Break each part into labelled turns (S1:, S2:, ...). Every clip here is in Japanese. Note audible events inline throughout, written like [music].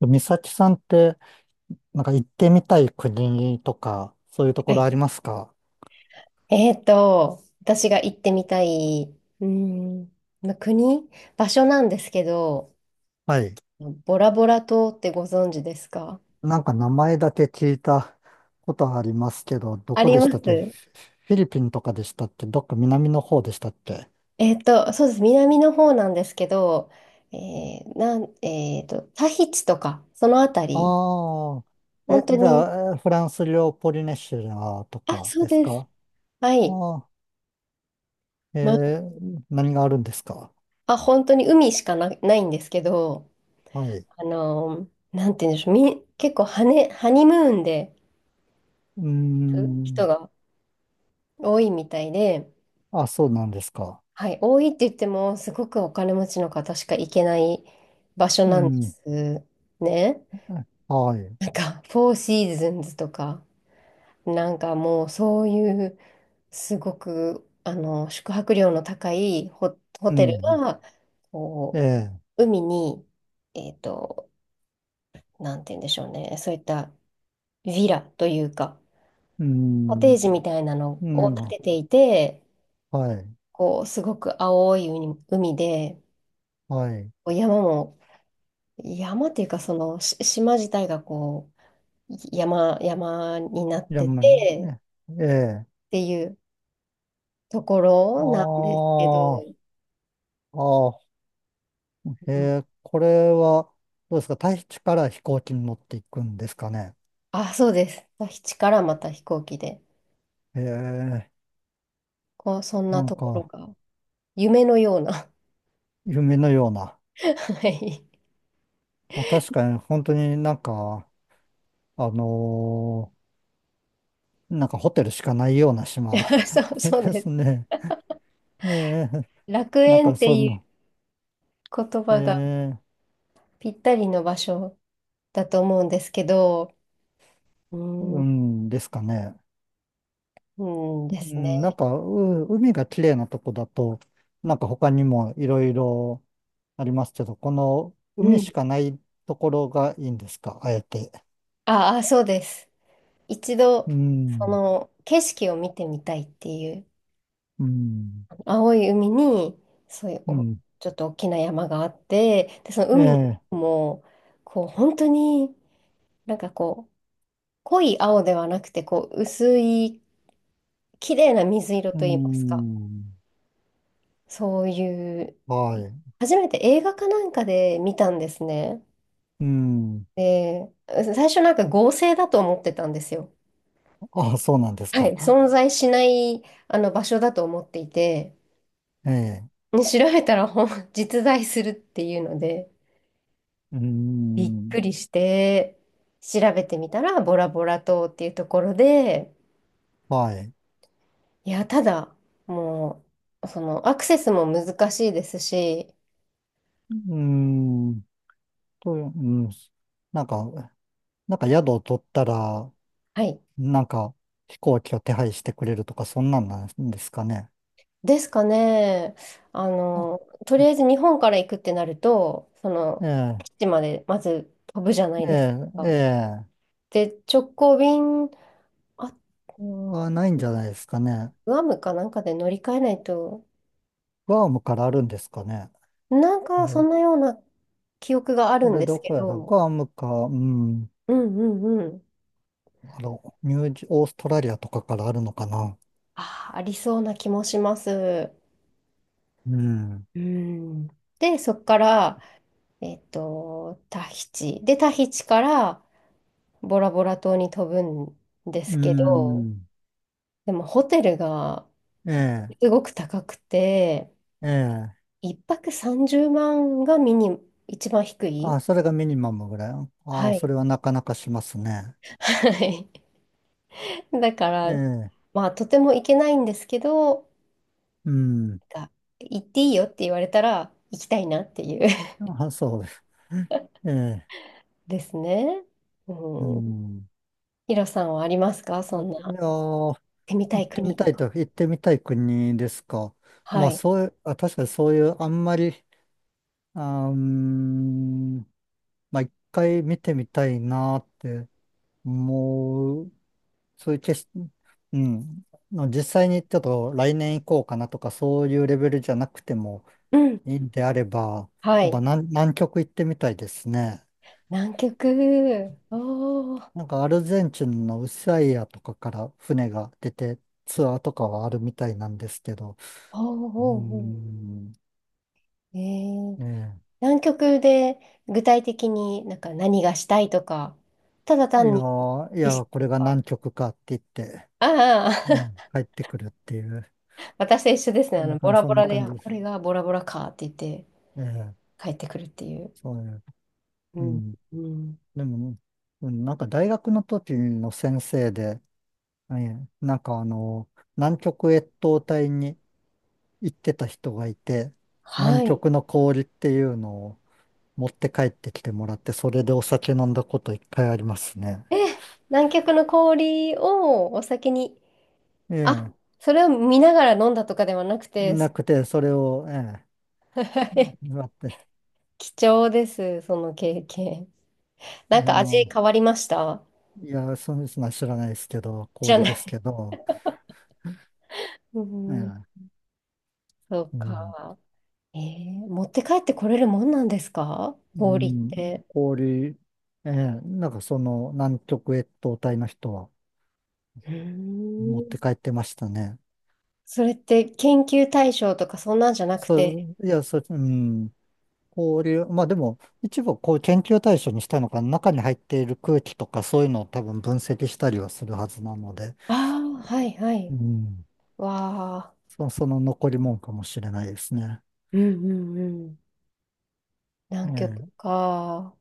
S1: 美咲さんって、なんか行ってみたい国とか、そういうとこ
S2: は
S1: ろ
S2: い。
S1: ありますか？
S2: 私が行ってみたい、うーん、まあ国、場所なんですけど、
S1: はい。
S2: ボラボラ島ってご存知ですか？
S1: なんか名前だけ聞いたことありますけど、ど
S2: あ
S1: こ
S2: り
S1: で
S2: ま
S1: したっけ？
S2: す。
S1: フィリピンとかでしたっけ？どっか南の方でしたっけ？
S2: そうです。南の方なんですけど、えーなん、えーと、タヒチとか、そのあた
S1: あ
S2: り、
S1: あー。
S2: 本当
S1: じ
S2: に、
S1: ゃあ、フランス領ポリネシアと
S2: あ、
S1: か
S2: そう
S1: です
S2: です。
S1: か？
S2: はい。
S1: ああー。
S2: ま
S1: 何があるんですか？
S2: あ、本当に海しかな、ないんですけど、
S1: はい。
S2: あのなんて言うんでしょう、結構ハニムーンで
S1: うー
S2: 行く人
S1: ん。
S2: が多いみたいで、
S1: あ、そうなんですか。
S2: はい、多いって言っても、すごくお金持ちの方しか行けない場所
S1: う
S2: なんで
S1: ん。
S2: すね。
S1: はい。
S2: なんか、[laughs] フォーシーズンズとか、なんかもうそういう、すごく、宿泊料の高いホ
S1: う
S2: テル
S1: ん。
S2: が、
S1: え
S2: こ
S1: え。
S2: う、海に、えっと、なんて言うんでしょうね、そういったヴィラというか、
S1: う
S2: コテー
S1: ん。
S2: ジみたいなの
S1: な
S2: を
S1: ん
S2: 建
S1: な、
S2: てていて、
S1: はい。
S2: こう、すごく青い海で、
S1: はい。
S2: こう山も山っていうか、その、島自体がこう、山になっ
S1: じゃあ、
S2: て
S1: まあ、
S2: て、っ
S1: ええ。ええ、
S2: ていうとこ
S1: あ
S2: ろなんですけど、
S1: あ、ああ、え
S2: うん。
S1: え、これは、どうですか？大地から飛行機に乗っていくんですかね。
S2: あ、そうです。基地からまた飛行機で、
S1: ええ、
S2: こう、そん
S1: な
S2: な
S1: ん
S2: ところ
S1: か、
S2: が、夢のような。
S1: 夢のような。
S2: [laughs] はい。
S1: まあ、確かに、本当になんか、あのなんかホテルしかないような島
S2: [laughs] そう、
S1: [laughs]
S2: そう
S1: で
S2: で
S1: す
S2: す。
S1: ね。ええ、
S2: 楽
S1: なん
S2: 園
S1: か
S2: って
S1: そういう
S2: い
S1: の、
S2: う言
S1: え
S2: 葉が
S1: え、
S2: ぴったりの場所だと思うんですけど、うー
S1: う
S2: ん、
S1: んですかね。
S2: うんで
S1: う
S2: すね。
S1: ん、なんか、海が綺麗なとこだと、なんか他にもいろいろありますけど、この
S2: う
S1: 海
S2: ん。
S1: しかないところがいいんですか、あえて。
S2: ああ、そうです。一度、
S1: う
S2: そ
S1: ん、
S2: の景色を見てみたいっていう
S1: うん、
S2: 青い海に、そういう
S1: うん、
S2: ちょっと大きな山があって、で、その
S1: え
S2: 海の
S1: え、
S2: 色も、こう、本当になんかこう、濃い青ではなくて、こう、薄い、綺麗な水色
S1: う
S2: といいますか、
S1: ん、
S2: そういう、
S1: はい、
S2: 初めて映画かなんかで見たんですね。
S1: うん、
S2: で、最初なんか合成だと思ってたんですよ。
S1: あ、そうなんです
S2: はい、
S1: か。
S2: 存在しないあの場所だと思っていて、
S1: ええ、
S2: ね調べたら実在するっていうので、
S1: う
S2: びっく
S1: ん、
S2: りして、調べてみたら、ボラボラ島っていうところで、
S1: はい、
S2: いや、ただ、もう、その、アクセスも難しいですし、
S1: うん、うん、なんか、なんか宿を取ったら、
S2: はい。
S1: なんか、飛行機を手配してくれるとか、そんなんなんですかね。
S2: ですかね。あ
S1: あ、
S2: の、とりあ
S1: あ、
S2: えず日本から行くってなると、その、基
S1: え
S2: 地までまず飛ぶじゃない
S1: え、え
S2: です
S1: え、え
S2: か。
S1: え、
S2: で、直行便、あ、
S1: ないんじゃないですかね。
S2: グアムかなんかで乗り換えないと、
S1: グアムからあるんですかね。
S2: なん
S1: え
S2: か、そ
S1: え、
S2: んなような記憶があ
S1: こ
S2: るん
S1: れ
S2: で
S1: ど
S2: すけ
S1: こやろ
S2: ど、
S1: グアムか、うん、
S2: うんうんうん。
S1: ニュージー、オーストラリアとかからあるのかな。
S2: あー、ありそうな気もします。
S1: うん、
S2: うん。で、そこから、タヒチ。で、タヒチからボラボラ島に飛ぶんで
S1: う
S2: すけど、
S1: ん、
S2: でもホテルが
S1: え
S2: すごく高くて、
S1: え、ええ、
S2: 一泊30万が一番低い。
S1: あ、それがミニマムぐらい。
S2: は
S1: あ、そ
S2: い。
S1: れはなかなかしますね。
S2: はい [laughs] だか
S1: え
S2: ら、
S1: え、
S2: まあ、とても行けないんですけど、
S1: うん、
S2: が行っていいよって言われたら行きたいなっていう
S1: あ、そうです。ええ、
S2: [laughs] ですね。
S1: う
S2: うん。
S1: ん。
S2: ヒロさんはありますか？
S1: いや
S2: そんな、行っ
S1: ー、
S2: てみたい国とか。
S1: 行ってみたい国ですか？
S2: は
S1: まあ
S2: い。
S1: そういう、あ、確かにそういう、あんまり、うーん、まあ一回見てみたいなって思う、そういう決し、うん、の実際にちょっと来年行こうかなとか、そういうレベルじゃなくても
S2: うん。
S1: いいんであれば、
S2: は
S1: やっぱ
S2: い。
S1: 南極行ってみたいですね。
S2: 南極。おー。
S1: なんかアルゼンチンのウスアイアとかから船が出てツアーとかはあるみたいなんですけど、
S2: おー
S1: うー
S2: おーお
S1: ん、
S2: ー。ー、
S1: ね
S2: 南極で具体的になんか何がしたいとか、ただ
S1: え、い
S2: 単
S1: や
S2: に
S1: ー、い
S2: 景色
S1: やー、これ
S2: と
S1: が
S2: か、
S1: 南極かって言って、
S2: あ
S1: うん、
S2: あ、
S1: 帰ってくるっていう、
S2: [laughs] 私と一緒ですね。
S1: そんな
S2: ボ
S1: 感じ、
S2: ラ
S1: そ
S2: ボ
S1: んな
S2: ラで、
S1: 感
S2: あ、
S1: じで
S2: こ
S1: す。
S2: れがボラボラかって言って
S1: ええ、
S2: 帰ってくるっていう。
S1: そういう、
S2: う
S1: う
S2: ん。
S1: ん。
S2: うん。
S1: でも、うん、なんか大学の時の先生で、ええ、なんか南極越冬隊に行ってた人がいて、
S2: は
S1: 南
S2: い。
S1: 極の氷っていうのを持って帰ってきてもらって、それでお酒飲んだこと一回ありますね。
S2: え、南極の氷をお酒に。
S1: え
S2: あ、
S1: え、
S2: それを見ながら飲んだとかではなくて、
S1: なくて、それを、ええ、
S2: [laughs]
S1: 割って、
S2: 貴重です、その経験。
S1: い
S2: なん
S1: や、
S2: か味変わりました？
S1: いや、そうですの人は知らないですけど、
S2: じゃ
S1: 氷
S2: な
S1: です
S2: い。
S1: けど、
S2: う
S1: え
S2: ん、
S1: え、
S2: そう
S1: うん、
S2: か。持って帰ってこれるもんなんですか？
S1: う
S2: 氷っ
S1: ん、
S2: て。
S1: 氷、ええ、なんかその南極越冬隊の人は
S2: うー
S1: 持っ
S2: ん。
S1: て帰ってましたね。
S2: それって研究対象とかそんなんじゃなくて。
S1: そう、いや、そう、うん、氷、まあでも、一部こう研究対象にしたのか、中に入っている空気とかそういうのを多分分析したりはするはずなので、
S2: ああ、はいは
S1: う
S2: い。
S1: ん、
S2: わあ。
S1: その残りもんかもしれないですね。
S2: うんうんうん。
S1: え
S2: 南極
S1: え、
S2: か。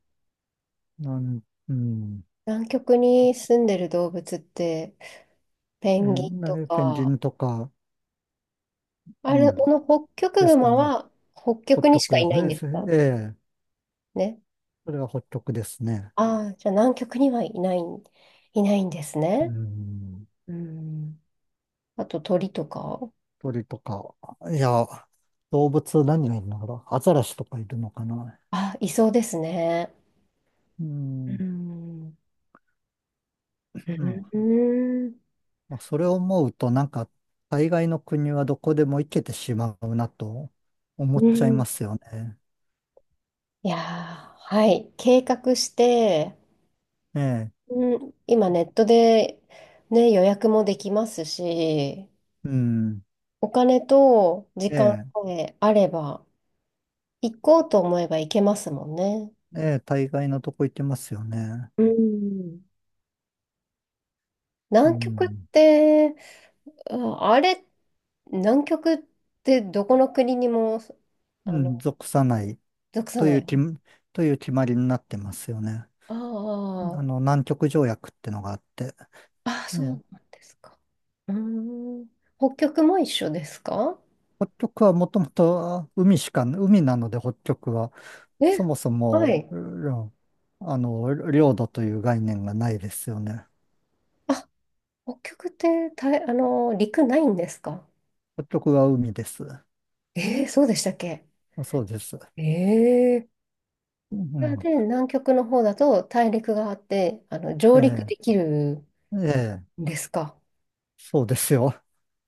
S1: なん、うん、
S2: 南極に住んでる動物って、ペ
S1: ええ、
S2: ンギン
S1: な
S2: と
S1: んかペンギ
S2: か、
S1: ンとか、
S2: あ
S1: う
S2: れ、
S1: ん。
S2: この北極
S1: ですか
S2: 熊
S1: ね。
S2: は北
S1: ホッ
S2: 極に
S1: ト
S2: し
S1: ク、
S2: かいないん
S1: え
S2: ですか
S1: え、ええ、
S2: ね。
S1: それはホットクですね。
S2: ああ、じゃあ南極にはいない、んです
S1: う
S2: ね。
S1: ん、
S2: うん。あと鳥とか。
S1: 鳥とか、いや、動物何がいるのかな、アザラシとかいるのかな、
S2: あ、いそうですね。
S1: うん、
S2: うん。
S1: うん、
S2: うん。
S1: まあ、それを思うと、なんか、大概の国はどこでも行けてしまうなと思っ
S2: う
S1: ちゃい
S2: ん。
S1: ますよね。
S2: いやー、はい。計画して、
S1: ええ、
S2: うん、今ネットで、ね、予約もできますし、
S1: うん、
S2: お金と時
S1: え
S2: 間
S1: え、
S2: さえあれば、行こうと思えば行けますもんね。
S1: ええ、大概のとこ行けますよね。
S2: うん。
S1: う
S2: 南極っ
S1: ん、
S2: て、ああれ、南極ってどこの国にも、あ
S1: う
S2: の、
S1: ん、属さない
S2: 属さ
S1: と
S2: な
S1: いう
S2: い
S1: き、
S2: の？
S1: という決まりになってますよね。
S2: あ
S1: 南極条約ってのがあって、
S2: あ、ああ、
S1: え
S2: そう
S1: え、
S2: なんですか。うーん。北極も一緒ですか？
S1: 北極はもともと海しか、海なので北極は、そ
S2: え、
S1: もそ
S2: は
S1: も、
S2: い。
S1: うん、領土という概念がないですよね。
S2: あ、北極って陸ないんですか？
S1: 北極は海です。
S2: えー、そうでしたっけ？
S1: そうです。
S2: ええ
S1: う
S2: ー。
S1: ん、
S2: で、南極の方だと大陸があって、上
S1: え
S2: 陸
S1: え、
S2: できる
S1: ええ、
S2: んですか？
S1: そうですよ。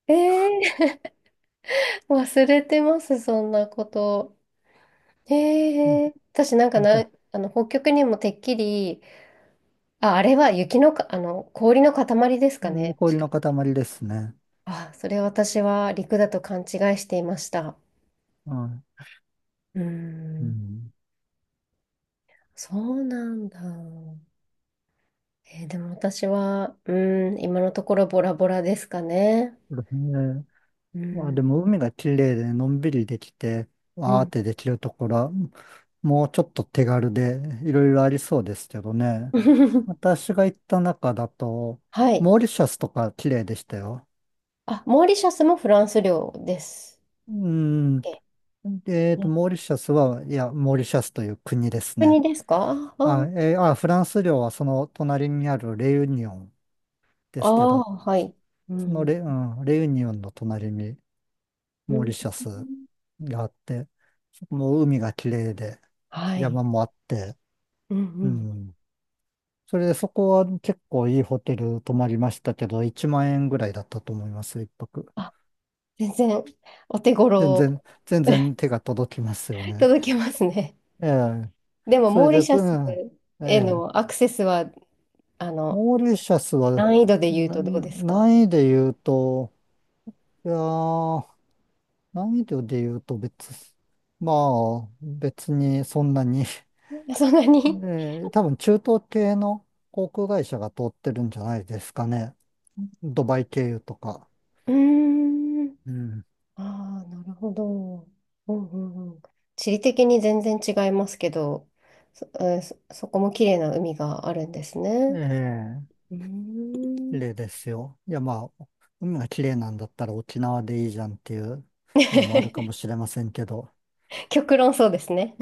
S2: ええー、[laughs] 忘れてます、そんなこと。
S1: う
S2: へえ私なんか
S1: ん、じ
S2: な、
S1: ゃ、
S2: 北極にもてっきり、あ、あれは雪のか、氷の塊です
S1: え
S2: かね。
S1: 氷
S2: 確か。
S1: の塊ですね。
S2: あ、それ私は陸だと勘違いしていました。
S1: うん、
S2: うー
S1: う
S2: ん、
S1: ん、
S2: そうなんだ。でも私は、今のところボラボラですかね。
S1: ええ、
S2: う
S1: まあ
S2: ん、
S1: でも海が綺麗でのんびりできて、
S2: う
S1: わーっ
S2: ん。
S1: てできるところは、もうちょっと手軽でいろいろありそうですけどね。
S2: [laughs]
S1: 私が行った中だと、
S2: はい。
S1: モーリシャスとか綺麗でしたよ。
S2: あ、モーリシャスもフランス領です。
S1: うん。
S2: え、ね、
S1: モーリシャスは、いや、モーリシャスという国ですね。
S2: 国ですか？あ
S1: あ、フランス領はその隣にあるレユニオンですけ
S2: あ
S1: ど、
S2: ー、はい。う
S1: その
S2: ん。
S1: レ、うん、レユニオンの隣に
S2: う
S1: モー
S2: ん。
S1: リシャスがあって、そこも海が綺麗で、
S2: はい。
S1: 山もあって、
S2: うんう
S1: う
S2: ん。
S1: ん。それでそこは結構いいホテル泊まりましたけど、1万円ぐらいだったと思いますよ、一泊。
S2: あ、全然お手
S1: 全
S2: 頃。
S1: 然、全然手が届きますよね。
S2: 届きますね。
S1: ええ。
S2: [laughs] でも、
S1: そ
S2: モ
S1: れ
S2: ー
S1: で、
S2: リシャ
S1: う
S2: ス
S1: ん、え
S2: へ
S1: え。
S2: のアクセスは、あの、
S1: モーリシャスは、
S2: 難易度で言う
S1: な、
S2: とどうですか？
S1: 難易で言うと、いやー、難易度で言うと別、まあ、別にそんなに [laughs]
S2: [laughs] そんなに。
S1: 多分中東系の航空会社が通ってるんじゃないですかね。ドバイ経由とか。
S2: うーん。
S1: うん。
S2: ああ、なるほど。うんうんうん。地理的に全然違いますけど、そ、えーそそこも綺麗な海があるんですね。
S1: え
S2: うー
S1: え、
S2: ん。
S1: 例ですよ。いや、まあ、海が綺麗なんだったら沖縄でいいじゃんっていうのもあるかも
S2: [laughs]
S1: しれませんけど。
S2: 極論そうですね。